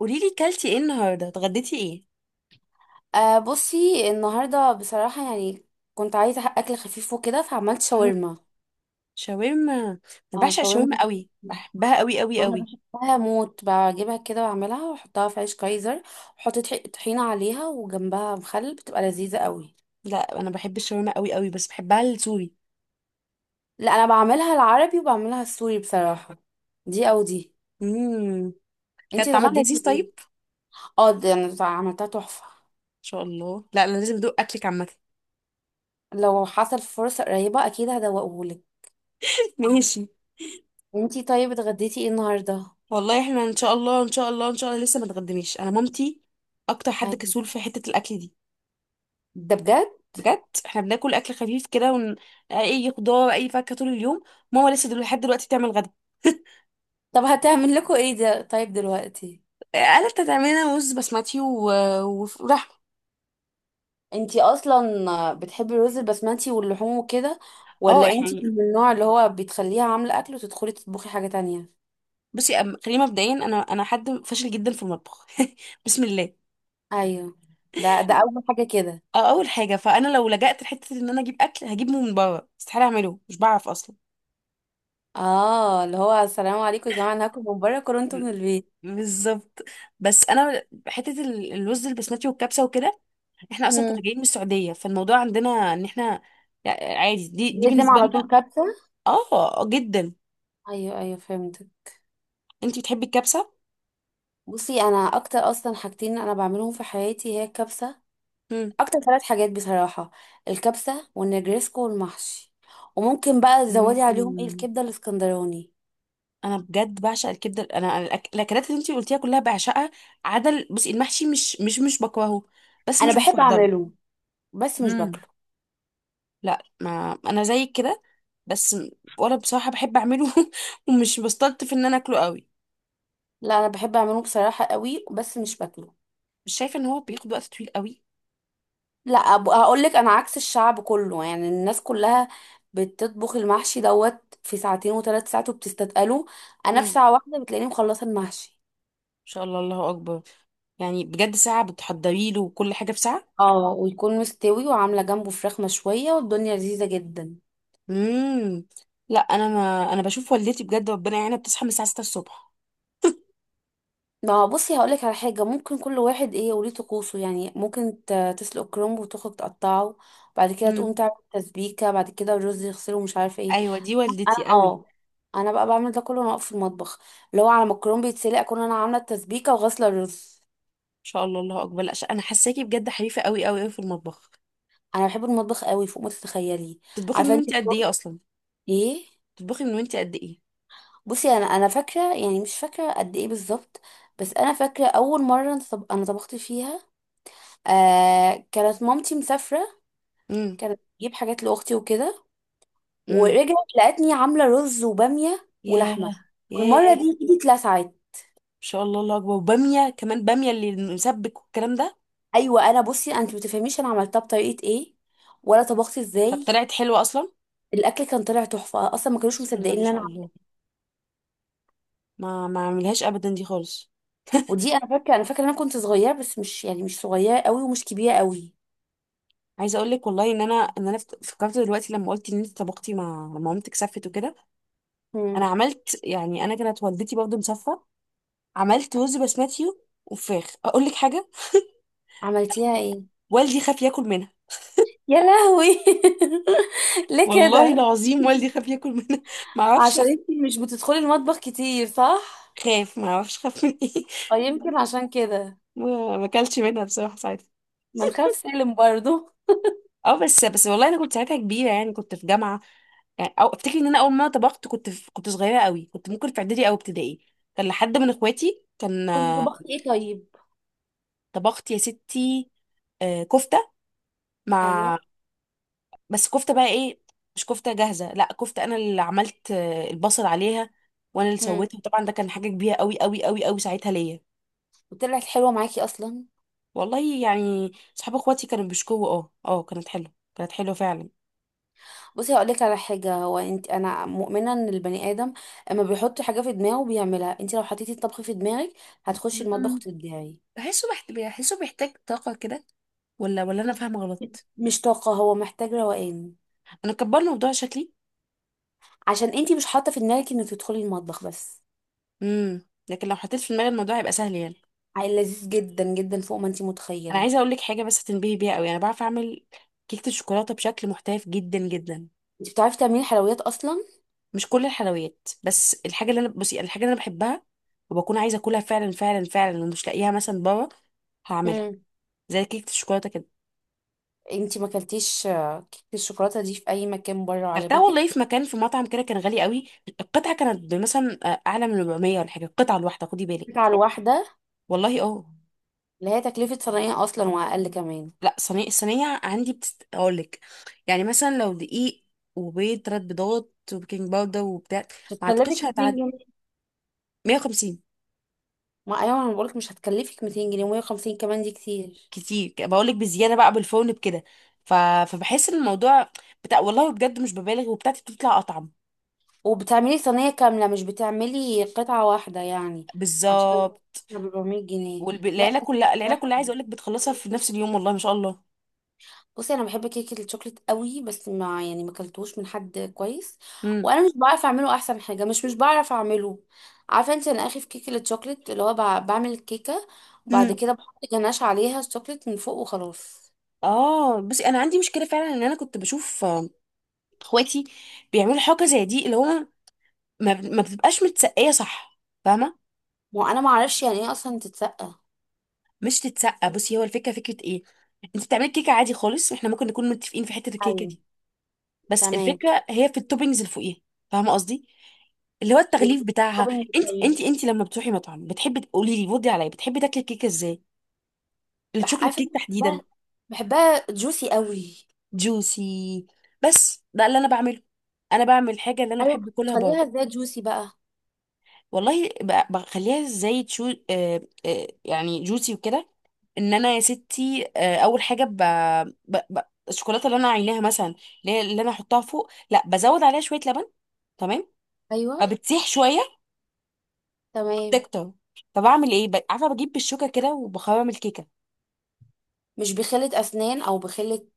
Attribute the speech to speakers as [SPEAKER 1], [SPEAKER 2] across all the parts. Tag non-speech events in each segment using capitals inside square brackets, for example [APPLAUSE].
[SPEAKER 1] قوليلي كلتي ايه النهارده اتغديتي ايه.
[SPEAKER 2] أه بصي النهارده بصراحه يعني كنت عايزه اكل خفيف وكده فعملت
[SPEAKER 1] مهم.
[SPEAKER 2] شاورما.
[SPEAKER 1] شاورما. انا
[SPEAKER 2] اه
[SPEAKER 1] بعشق
[SPEAKER 2] شاورما،
[SPEAKER 1] الشاورما قوي بحبها قوي قوي
[SPEAKER 2] وانا
[SPEAKER 1] قوي.
[SPEAKER 2] بحبها موت، بجيبها كده واعملها واحطها في عيش كايزر، واحط طحينه عليها وجنبها مخلل، بتبقى لذيذه قوي.
[SPEAKER 1] لا انا بحب الشاورما قوي قوي بس بحبها السوري.
[SPEAKER 2] لا انا بعملها العربي وبعملها السوري بصراحه، دي او دي.
[SPEAKER 1] امم كان
[SPEAKER 2] انتي
[SPEAKER 1] طعمها لذيذ
[SPEAKER 2] اتغديتي ايه؟
[SPEAKER 1] طيب.
[SPEAKER 2] اه دي انا عملتها تحفه.
[SPEAKER 1] ان شاء الله، لا انا لازم ادوق اكلك عامه.
[SPEAKER 2] لو حصل فرصه قريبه اكيد هدوقهولك.
[SPEAKER 1] [LAUGHS] ماشي.
[SPEAKER 2] انتي طيب، اتغديتي ايه النهارده؟
[SPEAKER 1] والله احنا ان شاء الله ان شاء الله ان شاء الله لسه ما اتغدمناش انا مامتي اكتر حد
[SPEAKER 2] أيوة.
[SPEAKER 1] كسول في حته الاكل دي.
[SPEAKER 2] ده بجد؟
[SPEAKER 1] بجد احنا بناكل اكل خفيف كده اي خضار اي فاكهه طول اليوم. ماما لسه دلوقتي لحد دلوقتي بتعمل غدا. [LAUGHS]
[SPEAKER 2] طب هتعمل لكم ايه ده طيب دلوقتي؟
[SPEAKER 1] قالت هتعملنا رز بسمتي ولحمه.
[SPEAKER 2] انتي اصلا بتحبي الرز البسمتي واللحوم وكده،
[SPEAKER 1] اه
[SPEAKER 2] ولا انتي [LAUGHS] من
[SPEAKER 1] يعني،
[SPEAKER 2] النوع اللي هو بتخليها عامله اكل وتدخلي تطبخي حاجه تانية؟
[SPEAKER 1] بصي خلينا مبدئيا انا حد فاشل جدا في المطبخ. [LAUGHS] بسم الله.
[SPEAKER 2] ايوه، ده اول حاجه كده.
[SPEAKER 1] اه اول حاجه، فانا لو لجأت لحته ان انا اجيب اكل هجيبه من بره، استحاله اعمله مش بعرف اصلا.
[SPEAKER 2] اه اللي هو السلام عليكم يا جماعه، انا هاكل من بره كورنتو من
[SPEAKER 1] ب-
[SPEAKER 2] البيت.
[SPEAKER 1] بالظبط. بس انا حته الرز البسمتي والكبسه وكده، احنا اصلا
[SPEAKER 2] هم.
[SPEAKER 1] كنا جايين من السعوديه فالموضوع عندنا ان احنا يعني عادي، دي
[SPEAKER 2] لازم
[SPEAKER 1] بالنسبه
[SPEAKER 2] على طول
[SPEAKER 1] لنا.
[SPEAKER 2] كبسه.
[SPEAKER 1] اه جدا.
[SPEAKER 2] ايوه ايوه، فهمتك.
[SPEAKER 1] انتي بتحبي الكبسه؟
[SPEAKER 2] بصي انا اكتر اصلا حاجتين انا بعملهم في حياتي هي الكبسه، اكتر ثلاث حاجات بصراحه: الكبسه والنجريسكو والمحشي. وممكن بقى تزودي عليهم ايه
[SPEAKER 1] امم.
[SPEAKER 2] الكبده الاسكندراني.
[SPEAKER 1] انا بجد بعشق الكبده، انا الاكلات اللي انتي قلتيها كلها بعشقها عدل. بصي المحشي مش بكرهه بس
[SPEAKER 2] انا
[SPEAKER 1] مش
[SPEAKER 2] بحب
[SPEAKER 1] بفضله.
[SPEAKER 2] اعمله بس مش
[SPEAKER 1] امم.
[SPEAKER 2] باكله.
[SPEAKER 1] لا ما انا زي كده بس ولا بصراحه بحب اعمله [LAUGHS] ومش بستلطف ان انا اكله قوي.
[SPEAKER 2] لا انا بحب اعمله بصراحه قوي بس مش باكله.
[SPEAKER 1] مش شايفه ان هو بياخد وقت طويل قوي؟
[SPEAKER 2] لا هقول لك، انا عكس الشعب كله، يعني الناس كلها بتطبخ المحشي دوت في ساعتين وثلاث ساعات وبتستتقله،
[SPEAKER 1] مم.
[SPEAKER 2] انا في
[SPEAKER 1] ان
[SPEAKER 2] ساعه واحده بتلاقيني مخلصه المحشي.
[SPEAKER 1] شاء الله الله اكبر. يعني بجد ساعه بتحضري له وكل حاجه في ساعه.
[SPEAKER 2] اه، ويكون مستوي وعامله جنبه فراخ مشويه والدنيا لذيذه جدا.
[SPEAKER 1] امم. لا انا، ما انا بشوف والدتي بجد ربنا يعينها بتصحى من الساعه 6 الصبح.
[SPEAKER 2] ما هو بصي هقولك على حاجة، ممكن كل واحد ايه وليه طقوسه، يعني ممكن تسلق كرنب وتخرج تقطعه، بعد كده
[SPEAKER 1] امم.
[SPEAKER 2] تقوم تعمل تسبيكة، بعد كده الرز يغسله مش عارفة ايه.
[SPEAKER 1] ايوه دي
[SPEAKER 2] انا
[SPEAKER 1] والدتي قوي.
[SPEAKER 2] اه، انا بقى بعمل ده كله وانا واقفة في المطبخ، اللي هو على ما الكرنب يتسلق اكون انا عاملة التسبيكة وغاسلة الرز.
[SPEAKER 1] ان شاء الله الله اكبر. لا انا حاساكي بجد حريفه قوي قوي قوي في المطبخ.
[SPEAKER 2] انا بحب المطبخ قوي فوق ما تتخيلي.
[SPEAKER 1] بتطبخي من
[SPEAKER 2] عارفة انت
[SPEAKER 1] وانت قد
[SPEAKER 2] الكرنب
[SPEAKER 1] ايه اصلا؟
[SPEAKER 2] ايه؟
[SPEAKER 1] بتطبخي من وانت قد ايه؟
[SPEAKER 2] بصي انا فاكرة، يعني مش فاكرة قد ايه بالظبط، بس انا فاكرة اول مرة انا أنا طبخت فيها، آه كانت مامتي مسافرة،
[SPEAKER 1] امم.
[SPEAKER 2] كانت بتجيب حاجات لاختي وكده،
[SPEAKER 1] امم.
[SPEAKER 2] ورجعت لقتني عامله رز وباميه
[SPEAKER 1] ياه.
[SPEAKER 2] ولحمه.
[SPEAKER 1] ياه.
[SPEAKER 2] والمره دي
[SPEAKER 1] ان
[SPEAKER 2] ايدي اتلسعت.
[SPEAKER 1] شاء الله الله اكبر. وباميه كمان، باميه اللي مسبك والكلام ده؟
[SPEAKER 2] ايوه انا بصي، انت ما تفهميش انا عملتها بطريقه ايه، ولا طبخت
[SPEAKER 1] طب
[SPEAKER 2] ازاي.
[SPEAKER 1] طلعت حلوه اصلا.
[SPEAKER 2] الاكل كان طلع تحفه اصلا، ما كانوش
[SPEAKER 1] بسم الله
[SPEAKER 2] مصدقين
[SPEAKER 1] ما
[SPEAKER 2] ان انا
[SPEAKER 1] شاء الله. ما اعملهاش ابدا دي خالص.
[SPEAKER 2] ودي انا فاكره، انا فاكره ان انا كنت صغيره، بس مش يعني مش صغيره قوي ومش كبيره قوي.
[SPEAKER 1] عايزه اقول لك والله ان انا فكرت دلوقتي لما قلت ان انت طبختي مع لما مامتك سفت وكده. انا
[SPEAKER 2] امم.
[SPEAKER 1] عملت يعني، انا كانت والدتي برضه مسافه. عملت رز بسمتي وفراخ. اقول لك حاجه،
[SPEAKER 2] عملتيها ايه؟
[SPEAKER 1] والدي خاف ياكل منها.
[SPEAKER 2] يا لهوي [LAUGHS] ليه
[SPEAKER 1] والله
[SPEAKER 2] كده؟
[SPEAKER 1] العظيم والدي خاف ياكل منها. [LAUGHS] ما اعرفش،
[SPEAKER 2] عشان انت مش بتدخلي المطبخ كتير، صح؟
[SPEAKER 1] خاف، ما اعرفش خاف من ايه.
[SPEAKER 2] او يمكن عشان كده.
[SPEAKER 1] [LAUGHS] ما اكلش منها بصراحه ساعتها.
[SPEAKER 2] ما نخاف سالم برضو.
[SPEAKER 1] اه بس بس والله انا كنت ساعتها كبيره، يعني كنت في جامعه. يعني او افتكر ان انا اول مره طبخت كنت في، كنت صغيره قوي، كنت ممكن في اعدادي او ابتدائي. كان لحد من اخواتي، كان
[SPEAKER 2] كنت طبخت ايه طيب؟
[SPEAKER 1] طبخت يا ستي كفته
[SPEAKER 2] ايوه.
[SPEAKER 1] مع، بس كفته بقى ايه؟ مش كفته جاهزه، لا كفته انا اللي عملت البصل عليها وانا اللي
[SPEAKER 2] امم.
[SPEAKER 1] سويتها. طبعا ده كان حاجه كبيره قوي قوي قوي قوي ساعتها ليا.
[SPEAKER 2] وطلعت حلوه معاكي اصلا؟
[SPEAKER 1] والله يعني صحاب اخواتي كانوا بيشكوا، اه اه، كانت حلوه، كانت حلوه فعلا.
[SPEAKER 2] بصي هقول لك على حاجه، هو انت انا مؤمنه ان البني ادم اما بيحط حاجه في دماغه بيعملها، انت لو حطيتي الطبخ في دماغك هتخشي المطبخ
[SPEAKER 1] مم.
[SPEAKER 2] وتبدعي.
[SPEAKER 1] بحسه بيحتاج طاقة كده، ولا ولا أنا فاهمة غلط؟
[SPEAKER 2] مش طاقه، هو محتاج روقان.
[SPEAKER 1] انا كبرنا الموضوع شكلي.
[SPEAKER 2] عشان انت مش حاطه في دماغك انك تدخلي المطبخ بس.
[SPEAKER 1] امم. لكن لو حطيت في دماغي الموضوع هيبقى سهل يعني.
[SPEAKER 2] عيل لذيذ جدا جدا فوق ما انت
[SPEAKER 1] انا
[SPEAKER 2] متخيله.
[SPEAKER 1] عايزه اقول لك حاجه بس تنبهي بيها قوي، انا بعرف اعمل كيكه الشوكولاته بشكل محترف جدا جدا.
[SPEAKER 2] انت بتعرفي تعملي حلويات اصلا؟
[SPEAKER 1] مش كل الحلويات بس، الحاجه اللي انا، بصي الحاجه اللي انا بحبها وبكون عايزه اكلها فعلا فعلا فعلا ومش لاقيها مثلا بره، هعملها.
[SPEAKER 2] امم.
[SPEAKER 1] زي كيكه الشوكولاته كده.
[SPEAKER 2] انت ما اكلتيش آه، كيكه الشوكولاته دي في اي مكان بره
[SPEAKER 1] اكلتها
[SPEAKER 2] وعجبتك؟
[SPEAKER 1] والله في مكان في مطعم كده كان غالي قوي. القطعه كانت مثلا اعلى من 400 ولا حاجه، القطعه الواحده، خدي بالك.
[SPEAKER 2] على الواحده؟
[SPEAKER 1] والله اه.
[SPEAKER 2] اللي هي تكلفه صنايع اصلا واقل كمان.
[SPEAKER 1] لا صينيه، الصينيه عندي اقول لك. يعني مثلا لو دقيق وبيض 3 بيضات وبيكنج باودر وبتاع،
[SPEAKER 2] مش
[SPEAKER 1] ما اعتقدش
[SPEAKER 2] هتكلفك 200
[SPEAKER 1] هتعدي
[SPEAKER 2] جنيه
[SPEAKER 1] 150.
[SPEAKER 2] ما ايوه انا بقولك مش هتكلفك 200 جنيه و150 كمان دي كتير.
[SPEAKER 1] كتير؟ بقول لك بزياده بقى بالفرن بكده ف... فبحس ان الموضوع بتاع، والله بجد مش ببالغ وبتاعتي بتطلع اطعم.
[SPEAKER 2] وبتعملي صينية كاملة مش بتعملي قطعة واحدة يعني؟ عشان
[SPEAKER 1] بالظبط.
[SPEAKER 2] 400 جنيه. لا
[SPEAKER 1] والعيله
[SPEAKER 2] كتير
[SPEAKER 1] كلها العيله
[SPEAKER 2] بصراحة.
[SPEAKER 1] كلها عايزه اقول لك بتخلصها في نفس اليوم، والله ما شاء الله.
[SPEAKER 2] بصي انا بحب كيكة الشوكليت قوي، بس ما يعني ما اكلتوش من حد كويس،
[SPEAKER 1] امم.
[SPEAKER 2] وانا مش بعرف اعمله احسن حاجة، مش بعرف اعمله. عارفة انت انا اخي في كيكة الشوكليت اللي هو بعمل الكيكة وبعد
[SPEAKER 1] امم.
[SPEAKER 2] كده بحط جناش عليها الشوكليت من فوق وخلاص.
[SPEAKER 1] اه بس انا عندي مشكله فعلا ان انا كنت بشوف اخواتي بيعملوا حاجه زي دي، اللي هو ما بتبقاش متسقيه، صح؟ فاهمه.
[SPEAKER 2] ما انا ما اعرفش يعني ايه اصلا تتسقى.
[SPEAKER 1] مش تتسقى، بصي هو الفكره فكره ايه، انت بتعملي كيكه عادي خالص واحنا ممكن نكون متفقين في حته الكيكه
[SPEAKER 2] ايوه.
[SPEAKER 1] دي، بس
[SPEAKER 2] تمام.
[SPEAKER 1] الفكره هي في التوبينجز اللي فوقيها، فاهمه قصدي، اللي هو التغليف بتاعها.
[SPEAKER 2] بالتوبينج
[SPEAKER 1] انت
[SPEAKER 2] طيب.
[SPEAKER 1] انت انت لما بتروحي مطعم، بتحبي تقولي لي ودي عليا، بتحبي تاكلي الكيكه ازاي؟ الشوكليت
[SPEAKER 2] عارفه،
[SPEAKER 1] كيك تحديدا.
[SPEAKER 2] بحبها، بحبها جوسي قوي.
[SPEAKER 1] جوسي. بس ده اللي انا بعمله، انا بعمل حاجه اللي انا
[SPEAKER 2] ايوه،
[SPEAKER 1] بحب اكلها
[SPEAKER 2] بخليها
[SPEAKER 1] بره.
[SPEAKER 2] ازاي جوسي بقى؟
[SPEAKER 1] والله بخليها زي تشو آه آه يعني جوسي وكده. ان انا يا ستي آه، اول حاجه ب... ب... الشوكولاته اللي انا عيناها مثلا، اللي انا احطها فوق، لا بزود عليها شويه لبن. تمام.
[SPEAKER 2] ايوه
[SPEAKER 1] فبتسيح شويه،
[SPEAKER 2] تمام.
[SPEAKER 1] بتكتر. فبعمل ايه، عارفه، بجيب بالشوكه كده وبخرم الكيكه.
[SPEAKER 2] مش بخلة اسنان او بخلة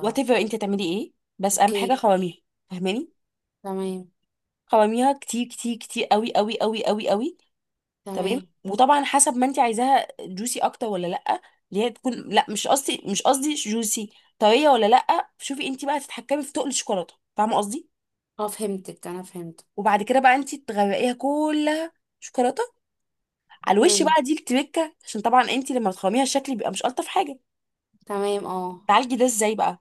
[SPEAKER 1] وات ايفر انت تعملي ايه، بس اهم حاجه
[SPEAKER 2] اوكي.
[SPEAKER 1] خرميها. فاهماني؟
[SPEAKER 2] تمام.
[SPEAKER 1] خرميها كتير كتير كتير قوي قوي قوي قوي قوي. تمام،
[SPEAKER 2] تمام
[SPEAKER 1] وطبعا حسب ما انت عايزاها جوسي اكتر ولا لا، اللي هي تكون، لا مش قصدي، مش قصدي جوسي، طريه ولا لا. شوفي انت بقى تتحكمي في تقل الشوكولاته، فاهمه قصدي.
[SPEAKER 2] اه. فهمتك، انا فهمت.
[SPEAKER 1] وبعد كده بقى انت تغرقيها كلها شوكولاته على الوش،
[SPEAKER 2] مم.
[SPEAKER 1] بقى دي التركه، عشان طبعا انت لما بتخرميها الشكل بيبقى مش الطف حاجه.
[SPEAKER 2] تمام اه.
[SPEAKER 1] تعالجي ده ازاي بقى؟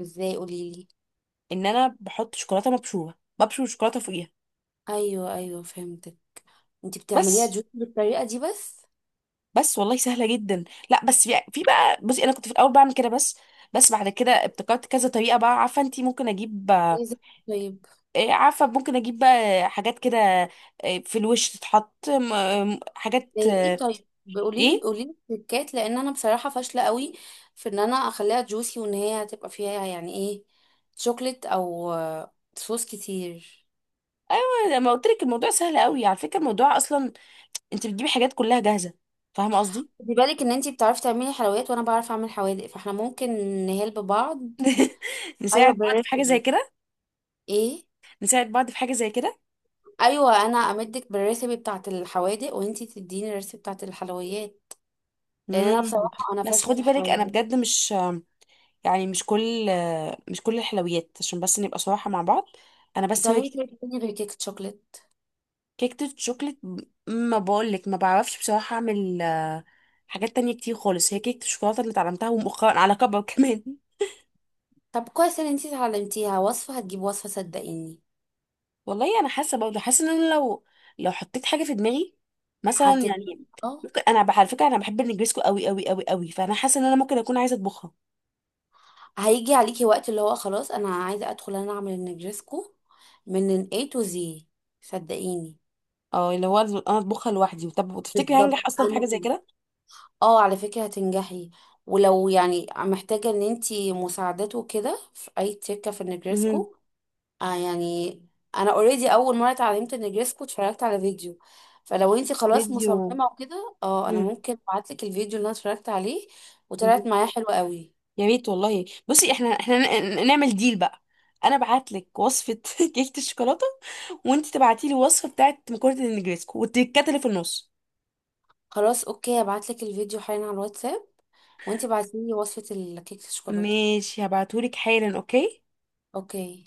[SPEAKER 2] ازاي؟ قولي لي.
[SPEAKER 1] ان انا بحط شوكولاته مبشوره، ببشر الشوكولاته فوقيها.
[SPEAKER 2] ايوه ايوه فهمتك. انت بتعمليها
[SPEAKER 1] بس
[SPEAKER 2] جوسي بالطريقه دي بس؟
[SPEAKER 1] بس والله سهله جدا. لا بس في بقى، بصي انا كنت في الاول بعمل كده بس، بس بعد كده ابتكرت كذا طريقه بقى. عارفه انت، ممكن اجيب
[SPEAKER 2] عايزة- طيب،
[SPEAKER 1] عارفة، ممكن أجيب بقى حاجات كده في الوش تتحط حاجات
[SPEAKER 2] زي ايه طيب؟ قولي لي
[SPEAKER 1] إيه.
[SPEAKER 2] قولي لي تريكات، لان انا بصراحه فاشله قوي في ان انا اخليها جوسي، وان هي هتبقى فيها يعني ايه، شوكليت او آه، صوص كتير.
[SPEAKER 1] أيوة لما قلت لك الموضوع سهل قوي، على فكرة الموضوع أصلا أنت بتجيبي حاجات كلها جاهزة، فاهمة قصدي.
[SPEAKER 2] خدي بالك ان انتي بتعرفي تعملي حلويات وانا بعرف اعمل حوادق، فاحنا ممكن نهلب بعض.
[SPEAKER 1] [LAUGHS]
[SPEAKER 2] ايوه
[SPEAKER 1] نساعد بعض في حاجة زي
[SPEAKER 2] بالريسبي.
[SPEAKER 1] كده.
[SPEAKER 2] ايه؟
[SPEAKER 1] نساعد بعض في حاجة زي كده.
[SPEAKER 2] ايوه انا امدك بالريسبي بتاعه الحوادق وانتي تديني الريسبي بتاعه الحلويات. لان انا
[SPEAKER 1] مم.
[SPEAKER 2] بصراحه انا
[SPEAKER 1] بس
[SPEAKER 2] فاشله في
[SPEAKER 1] خدي بالك أنا
[SPEAKER 2] الحلويات.
[SPEAKER 1] بجد مش، يعني مش كل، مش كل الحلويات، عشان بس نبقى صراحة مع بعض، أنا بس هو
[SPEAKER 2] بتعملي كيكه تاني غير كيكه شوكليت؟
[SPEAKER 1] كيكة الشوكليت. ما بقولك ما بعرفش بصراحة أعمل حاجات تانية كتير خالص، هي كيكة الشوكولاتة اللي اتعلمتها ومؤخرا على كبر كمان.
[SPEAKER 2] طب كويس ان انتي اتعلمتيها. وصفه هتجيب وصفه صدقيني.
[SPEAKER 1] [LAUGHS] والله أنا حاسة برضه، حاسة إن أنا لو حطيت حاجة في دماغي مثلا يعني،
[SPEAKER 2] هتجيبي اه.
[SPEAKER 1] ممكن. أنا على فكرة أنا بحب النجريسكو أوي أوي أوي أوي، فأنا حاسة إن أنا ممكن أكون عايزة أطبخها.
[SPEAKER 2] هيجي عليكي وقت اللي هو خلاص انا عايزه ادخل انا اعمل النجرسكو من ال A to Z، صدقيني.
[SPEAKER 1] أه اللي هو أنا أطبخها لوحدي. طب وتفتكري هنجح
[SPEAKER 2] بالظبط
[SPEAKER 1] أصلا في
[SPEAKER 2] انا
[SPEAKER 1] حاجة زي
[SPEAKER 2] كده.
[SPEAKER 1] كده؟
[SPEAKER 2] اه على فكره هتنجحي، ولو يعني محتاجه ان انتي مساعدته كده في اي تكه في
[SPEAKER 1] مهم.
[SPEAKER 2] النجرسكو، آه يعني، انا اوريدي اول مره اتعلمت النجرسكو اتفرجت على فيديو، فلو انتي خلاص
[SPEAKER 1] فيديو.
[SPEAKER 2] مصممه وكده، اه انا
[SPEAKER 1] مهم.
[SPEAKER 2] ممكن ابعتلك الفيديو اللي انا اتفرجت عليه وطلعت
[SPEAKER 1] مهم.
[SPEAKER 2] معايا حلوه قوي.
[SPEAKER 1] يا ريت والله. بصي احنا نعمل ديل بقى، انا ابعت لك وصفه [LAUGHS] كيكه الشوكولاته وانت تبعتي لي وصفه بتاعه مكرونه النجريسكو والتكات اللي في النص.
[SPEAKER 2] خلاص اوكي، ابعتلك الفيديو حالا على الواتساب، وانتي بعتيلي وصفة الكيك الشوكولاتة.
[SPEAKER 1] ماشي، هبعتهولك حالا. اوكي.
[SPEAKER 2] اوكي.